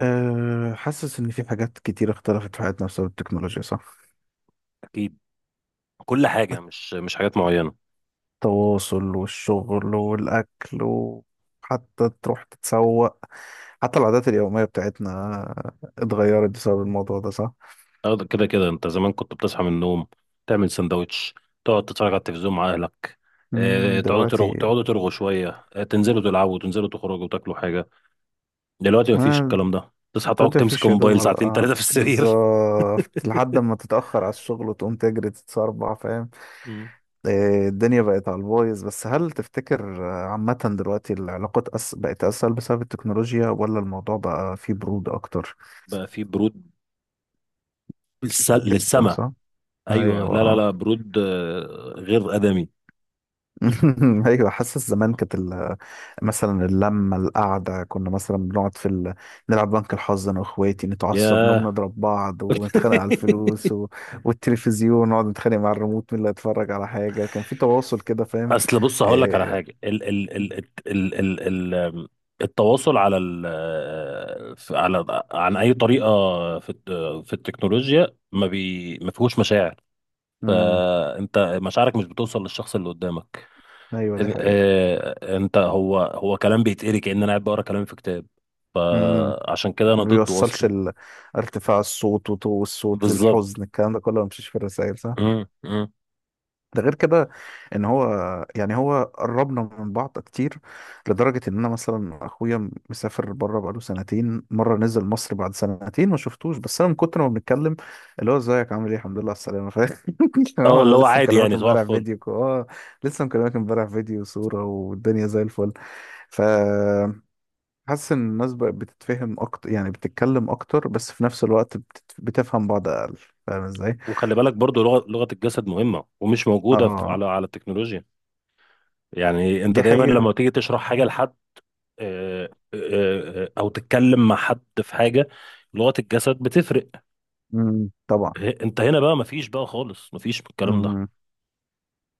حاسس إن في حاجات كتير اختلفت في حياتنا بسبب التكنولوجيا، صح؟ اكيد. كل حاجه مش حاجات معينه. التواصل والشغل والأكل، وحتى تروح تتسوق. حتى العادات اليومية بتاعتنا اتغيرت بسبب الموضوع ده، صح؟ كده كده انت زمان كنت بتصحى من النوم، تعمل سندوتش، تقعد تتفرج على التلفزيون مع اهلك. تقعدوا دلوقتي. ترغوا تقعدوا ترغوا شويه، تنزلوا تلعبوا تنزلوا تخرجوا وتاكلوا حاجه. دلوقتي مفيش آه الكلام ده، تصحى تقعد دلوقتي تمسك مفيش يا دوب، موبايل ولا ساعتين ثلاثه في السرير. بالظبط لحد ما تتأخر على الشغل وتقوم تجري تتسربع، فاهم؟ مم. الدنيا بقت على البايظ. بس هل تفتكر عامة دلوقتي العلاقات بقت أسهل بسبب التكنولوجيا، ولا الموضوع بقى فيه برود أكتر؟ بقى في برود. جدا، للسما. صح. ايوه، لا لا ايوه. لا، برود غير ادمي. ايوه، حاسس زمان كانت مثلا اللمه القعده، كنا مثلا بنقعد في نلعب بنك الحظ انا واخواتي، نتعصب، نقوم ياه. نضرب بعض ونتخانق على الفلوس والتلفزيون، نقعد نتخانق مع الريموت مين اللي هيتفرج على حاجه. كان في تواصل كده، فاهم. اصل بص هقول لك على إيه... حاجه. ال التواصل على ال، على، عن اي طريقه، في الت- في التكنولوجيا ما فيهوش مشاعر. امم. انت مشاعرك مش بتوصل للشخص اللي قدامك. ايوه دي حقيقه. انت، هو كلام بيتقري كأن انا قاعد بقرا كلام في كتاب. امم فعشان كده انا ما ضده بيوصلش اصلا. ارتفاع الصوت وطو الصوت بالظبط. الحزن، الكلام ده كله ما بيمشيش في الرسائل، صح. مم، مم. ده غير كده، ان هو، يعني هو قربنا من بعض كتير لدرجة ان انا مثلا اخويا مسافر بره بقاله سنتين، مرة نزل مصر بعد سنتين ما شفتوش، بس انا من كتر ما بنتكلم اللي هو ازيك عامل ايه الحمد لله على السلامة، فاهم. هو اه، اللي انا هو لسه عادي مكلمك يعني، صباح امبارح الفل. فيديو لسه مكلمك امبارح فيديو وصورة والدنيا زي الفل. ف حاسس ان الناس بقت بتتفهم اكتر، يعني بتتكلم اكتر، بس في نفس الوقت بتفهم بعض اقل. فاهم ازاي؟ وخلي بالك برضو لغه الجسد مهمه ومش موجوده اه على التكنولوجيا. يعني انت دي دايما لما حقيقة. تيجي تشرح حاجه لحد، آه، او تتكلم مع حد في حاجه، لغه الجسد بتفرق. طبعا. انت هنا بقى مفيش، بقى خالص مفيش من الكلام ده. مم.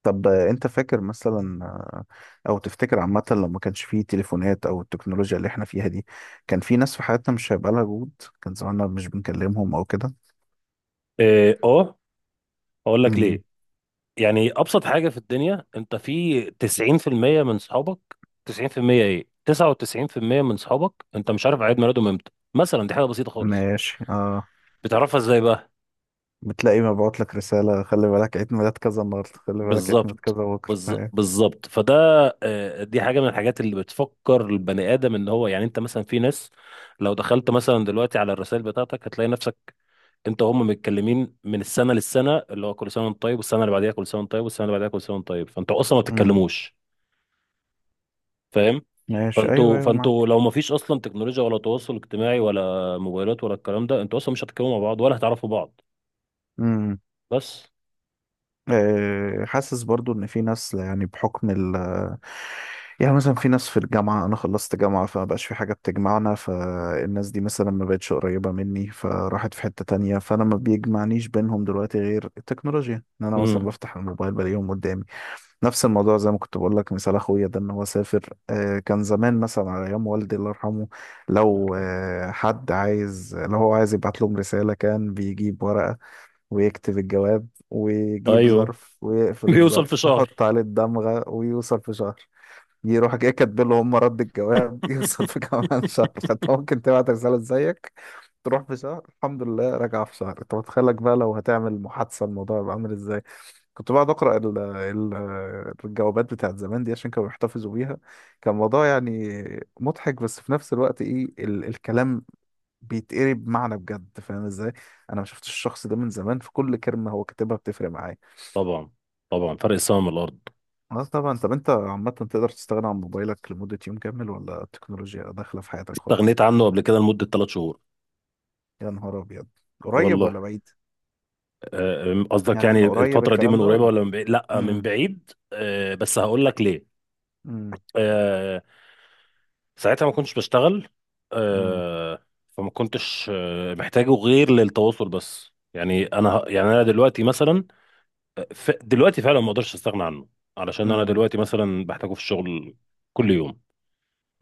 طب انت فاكر مثلا او تفتكر عامة لو ما كانش فيه تليفونات او التكنولوجيا اللي احنا فيها دي، كان في ناس في حياتنا مش هيبقى لها وجود. كان زماننا مش بنكلمهم او كده. اه، اقول لك مم. ليه. يعني ابسط حاجه في الدنيا، انت في 90% من صحابك، 90% ايه، 99% من صحابك انت مش عارف عيد ميلادهم امتى مثلا. دي حاجه بسيطه خالص. ماشي اه. بتعرفها ازاي بقى؟ بتلاقي مبعوت لك رسالة: خلي بالك عيد ميلاد كذا النهاردة، خلي بالك عيد ميلاد كذا بالظبط. بكرة. ايوه. بالظبط. فده دي حاجه من الحاجات اللي بتفكر البني ادم ان هو، يعني انت مثلا في ناس، لو دخلت مثلا دلوقتي على الرسائل بتاعتك هتلاقي نفسك انت وهم متكلمين من السنه للسنه، اللي هو كل سنه وانت طيب، والسنه اللي بعديها كل سنه وانت طيب، والسنه اللي بعديها كل سنه وانت طيب، فانتوا اصلا ما مم. بتتكلموش. فاهم. ماشي ايوه فانتوا ايوه معاك. فانتوا لو ما فيش اصلا تكنولوجيا ولا تواصل اجتماعي ولا موبايلات ولا الكلام ده، انتوا اصلا مش هتتكلموا مع بعض ولا هتعرفوا بعض. بس. حاسس برضو ان في ناس، يعني بحكم يعني مثلا في ناس في الجامعة. أنا خلصت جامعة فما بقاش في حاجة بتجمعنا، فالناس دي مثلا ما بقتش قريبة مني، فراحت في حتة تانية، فأنا ما بيجمعنيش بينهم دلوقتي غير التكنولوجيا، إن أنا مثلا امم بفتح الموبايل بلاقيهم قدامي. نفس الموضوع زي ما كنت بقول لك مثال أخويا ده، إن هو سافر. كان زمان مثلا على أيام والدي الله يرحمه، الله لو يرحمه. حد عايز، لو هو عايز يبعت لهم رسالة، كان بيجيب ورقة ويكتب الجواب ويجيب ايوه. ظرف ويقفل بيوصل في الظرف، يحط شهر. عليه الدمغة ويوصل في شهر. يروح جاي كاتب له هم رد الجواب يوصل في كمان شهر. فانت ممكن تبعت رسالة زيك تروح في شهر، الحمد لله راجعة في شهر. انت متخيلك بقى لو هتعمل محادثة الموضوع يبقى عامل ازاي. كنت بقعد اقرا ال ال الجوابات بتاعت زمان دي عشان كانوا بيحتفظوا بيها. كان موضوع يعني مضحك، بس في نفس الوقت ايه الكلام بيتقري بمعنى بجد، فاهم ازاي. انا ما شفتش الشخص ده من زمان، فكل كلمه هو كاتبها بتفرق معايا. طبعا، طبعا، فرق السماء من الارض. اه طبعا. طب انت عامه تقدر تستغنى عن موبايلك لمده يوم كامل، ولا التكنولوجيا داخله في حياتك خالص؟ استغنيت عنه قبل كده لمده ثلاث شهور. يا نهار ابيض. قريب والله ولا بعيد؟ قصدك يعني يعني من قريب الفتره دي الكلام من ده قريبه ولا؟ ولا من بعيد؟ لا، من امم. بعيد، بس هقول لك ليه. امم. آه، ساعتها ما كنتش بشتغل. امم. آه، فما كنتش محتاجه غير للتواصل بس. يعني انا يعني انا دلوقتي مثلا، دلوقتي فعلا ما اقدرش استغنى عنه، علشان انا امم. دلوقتي مثلا بحتاجه في الشغل كل يوم.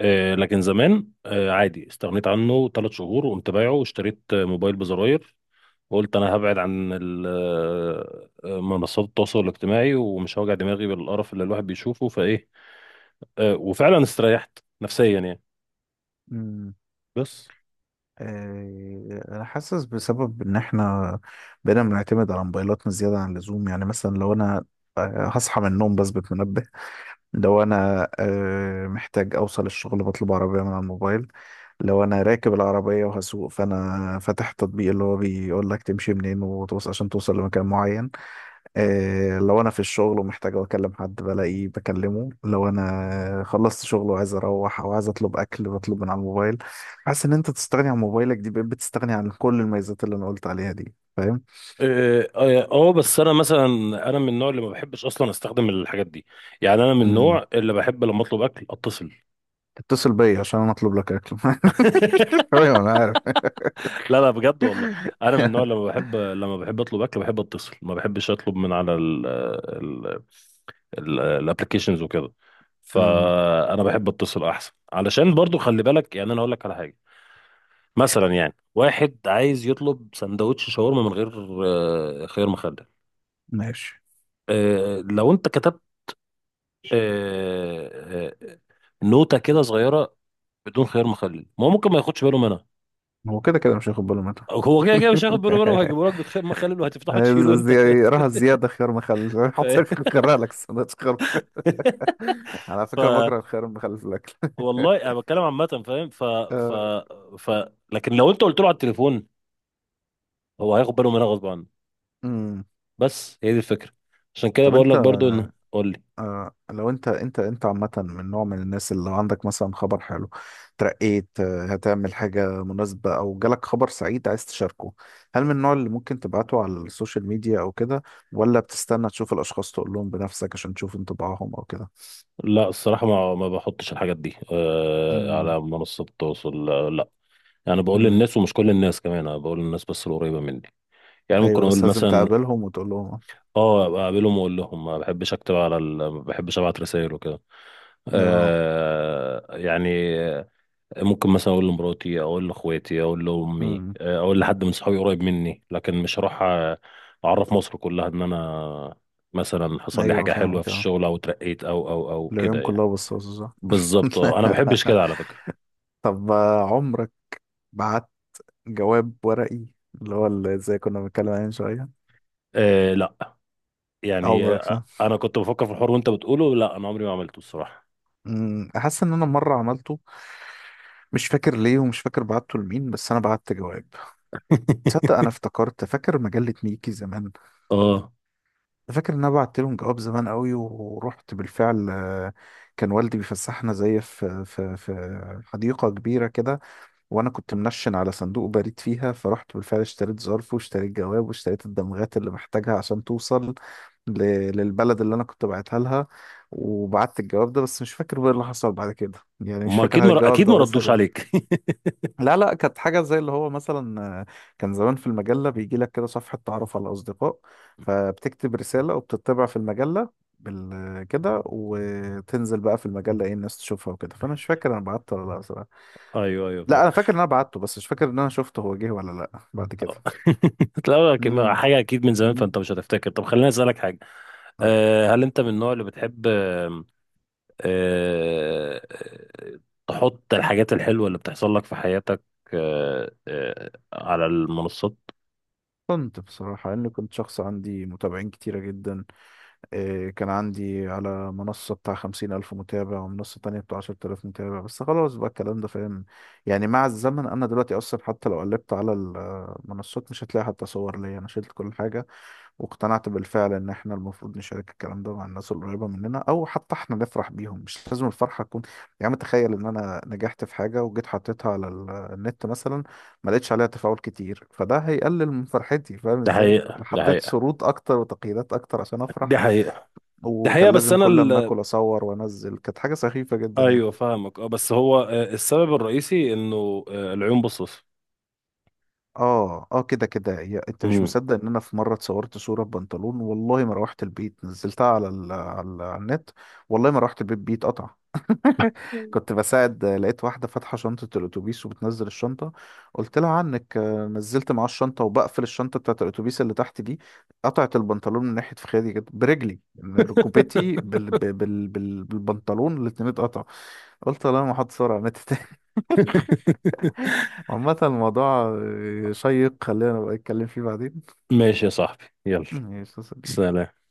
لكن زمان عادي، استغنيت عنه ثلاث شهور، وقمت بايعه واشتريت موبايل بزراير، وقلت انا هبعد عن منصات التواصل الاجتماعي، ومش هوجع دماغي بالقرف اللي الواحد بيشوفه فايه. وفعلا استريحت نفسيا يعني. امم. بس انا حاسس بسبب ان احنا بقينا بنعتمد على موبايلاتنا زياده عن اللزوم. يعني مثلا لو انا هصحى من النوم بثبت منبه. لو انا محتاج اوصل الشغل بطلب عربية من على الموبايل. لو انا راكب العربية وهسوق، فانا فاتح التطبيق اللي هو بيقول لك تمشي منين وتوصل عشان توصل لمكان معين. لو انا في الشغل ومحتاج اكلم حد بلاقيه بكلمه. لو انا خلصت شغل وعايز اروح، او عايز اطلب اكل بطلب من على الموبايل. حاسس ان انت تستغني عن موبايلك دي، بقيت بتستغني عن كل الميزات اللي انا قلت عليها دي، فاهم. اه، بس انا مثلا، انا من النوع اللي ما بحبش اصلا استخدم الحاجات دي. يعني انا من امم. النوع اللي بحب لما اطلب اكل اتصل. تتصل بيا عشان انا اطلب لك اكل. ايوه انا عارف. لا لا، بجد والله. انا من النوع لما بحب اطلب اكل بحب اتصل. ما بحبش اطلب من على ال الابلكيشنز وكده. مم. فانا بحب اتصل احسن، علشان برضو خلي بالك، يعني انا اقول لك على حاجه. مثلا يعني واحد عايز يطلب سندوتش شاورما من غير خيار مخلل. ماشي. لو انت كتبت آه، آه، نوتة كده صغيرة بدون خيار مخلل، ما هو ممكن ما ياخدش باله منها. هو كده كده مش هياخد باله منها. هو كده كده مش هياخد باله منها، وهيجيبوا لك بخيار مخلل وهتفتحه عايز تشيله انت. زي راحة زيادة خيار مخلل. حط خيارها لك السندوتش خيار مخلل. ف... على ف فكرة بكره الخيار المخلل في الأكل. والله انا بتكلم عامه، فاهم. ف ف آه، ف لكن لو انت قلت له على التليفون، هو هياخد باله منها غصب عنه. أمم. بس هي دي الفكره. عشان كده طب بقول أنت، لك برضو ان قول لي. لو أنت أنت أنت عامة من نوع من الناس اللي لو عندك مثلا خبر حلو، ترقيت، هتعمل حاجة مناسبة، أو جالك خبر سعيد عايز تشاركه، هل من النوع اللي ممكن تبعته على السوشيال ميديا أو كده، ولا بتستنى تشوف الأشخاص تقول لهم بنفسك عشان تشوف انطباعهم أو كده؟ لا الصراحه، ما بحطش الحاجات دي على منصات التواصل، لا. يعني بقول أمم. للناس، ومش كل الناس كمان، انا بقول للناس بس القريبه مني. يعني ممكن ايوه اقول بس لازم مثلا، تقابلهم وتقول لهم. اه أبقى اقابلهم واقول لهم. ما بحبش اكتب على ال... ما بحبش ابعت رسائل وكده. اه. آه يعني ممكن مثلا اقول لمراتي، اقول لاخواتي، اقول لامي، امم. اقول لحد من صحابي قريب مني. لكن مش هروح اعرف مصر كلها ان انا مثلا حصل لي ايوه حاجه حلوه في فاهمك اه. الشغل او اترقيت او كده العيون يعني. كلها بصاصه، صح. بالظبط اه، انا ما بحبش كده على فكره. طب عمرك بعت جواب ورقي، اللي هو اللي زي كنا بنتكلم عليه من شويه. أه لا، يعني عمرك صح. انا كنت بفكر في الحوار وانت بتقوله، لا انا عمري ما عملته الصراحه. امم، حاسس ان انا مره عملته، مش فاكر ليه ومش فاكر بعته لمين، بس انا بعت جواب. تصدق انا افتكرت فاكر مجله ميكي زمان؟ اه، فاكر ان انا بعت لهم جواب زمان قوي، ورحت بالفعل. كان والدي بيفسحنا زي في حديقه كبيره كده، وانا كنت منشن على صندوق بريد فيها، فرحت بالفعل اشتريت ظرف واشتريت جواب واشتريت الدمغات اللي محتاجها عشان توصل ل... للبلد اللي انا كنت بعتها لها، وبعت الجواب ده، بس مش فاكر بقى اللي حصل بعد كده، يعني مش هما اكيد فاكر هل الجواب اكيد ده ما ردوش وصل. عليك. لا لا، كانت حاجة زي اللي هو مثلا كان زمان في المجلة بيجي لك كده صفحة تعرف على الأصدقاء، فبتكتب رسالة وبتطبع في المجلة كده، وتنزل بقى في المجلة، ايه، الناس تشوفها وكده. فأنا مش فاكر أنا بعت ولا لا. ايوه ايوه، فاهم. لا انا فاكر ان انا بعته، بس مش فاكر ان انا شفته هو جه ولا لا بعد كده. آه. لا، امم. حاجه اكيد من زمان، فانت امم. مش هتفتكر. طب خليني اسالك حاجه، قولي. هل انت من النوع اللي بتحب آه، تحط الحاجات الحلوة اللي بتحصل لك في حياتك على المنصات؟ كنت بصراحة، لأني كنت شخص عندي متابعين كتيرة جدا، إيه، كان عندي على منصة بتاع 50,000 متابع ومنصة تانية بتاع 10,000 متابع، بس خلاص بقى الكلام ده فاهم. يعني مع الزمن، أنا دلوقتي أصلا حتى لو قلبت على المنصات مش هتلاقي حتى صور ليا، أنا شلت كل حاجة. واقتنعت بالفعل ان احنا المفروض نشارك الكلام ده مع الناس القريبه مننا، او حتى احنا نفرح بيهم، مش لازم الفرحه تكون. يا عم، تخيل ان انا نجحت في حاجه وجيت حطيتها على النت مثلا، ما لقيتش عليها تفاعل كتير، فده هيقلل من فرحتي، فاهم ده ازاي. انا حقيقة، ده حطيت حقيقة، شروط اكتر وتقييدات اكتر عشان افرح. دي حقيقة، دي حقيقة. وكان بس لازم أنا كل ما ال... اكل اصور وانزل، كانت حاجه سخيفه جدا يعني. ايوه فاهمك اه، بس هو السبب الرئيسي انه العيون بصص. اه، اه كده كده، انت مش امم مصدق ان انا في مره اتصورت صوره ببنطلون، والله ما روحت البيت نزلتها على النت. والله ما روحت البيت، بيت قطع. كنت بساعد، لقيت واحده فاتحه شنطه الاتوبيس وبتنزل الشنطه، قلت لها عنك، نزلت معاه الشنطه وبقفل الشنطه بتاعه الاتوبيس اللي تحت دي، قطعت البنطلون من ناحيه فخادي كده برجلي، من ركبتي بالبنطلون، الاتنين اتقطع. قلت لا، ما حد صورة نت. عامة الموضوع شيق، خلينا نبقى نتكلم فيه بعدين. ماشي يا صاحبي، يلا، ماشي يا صديقي. سلام.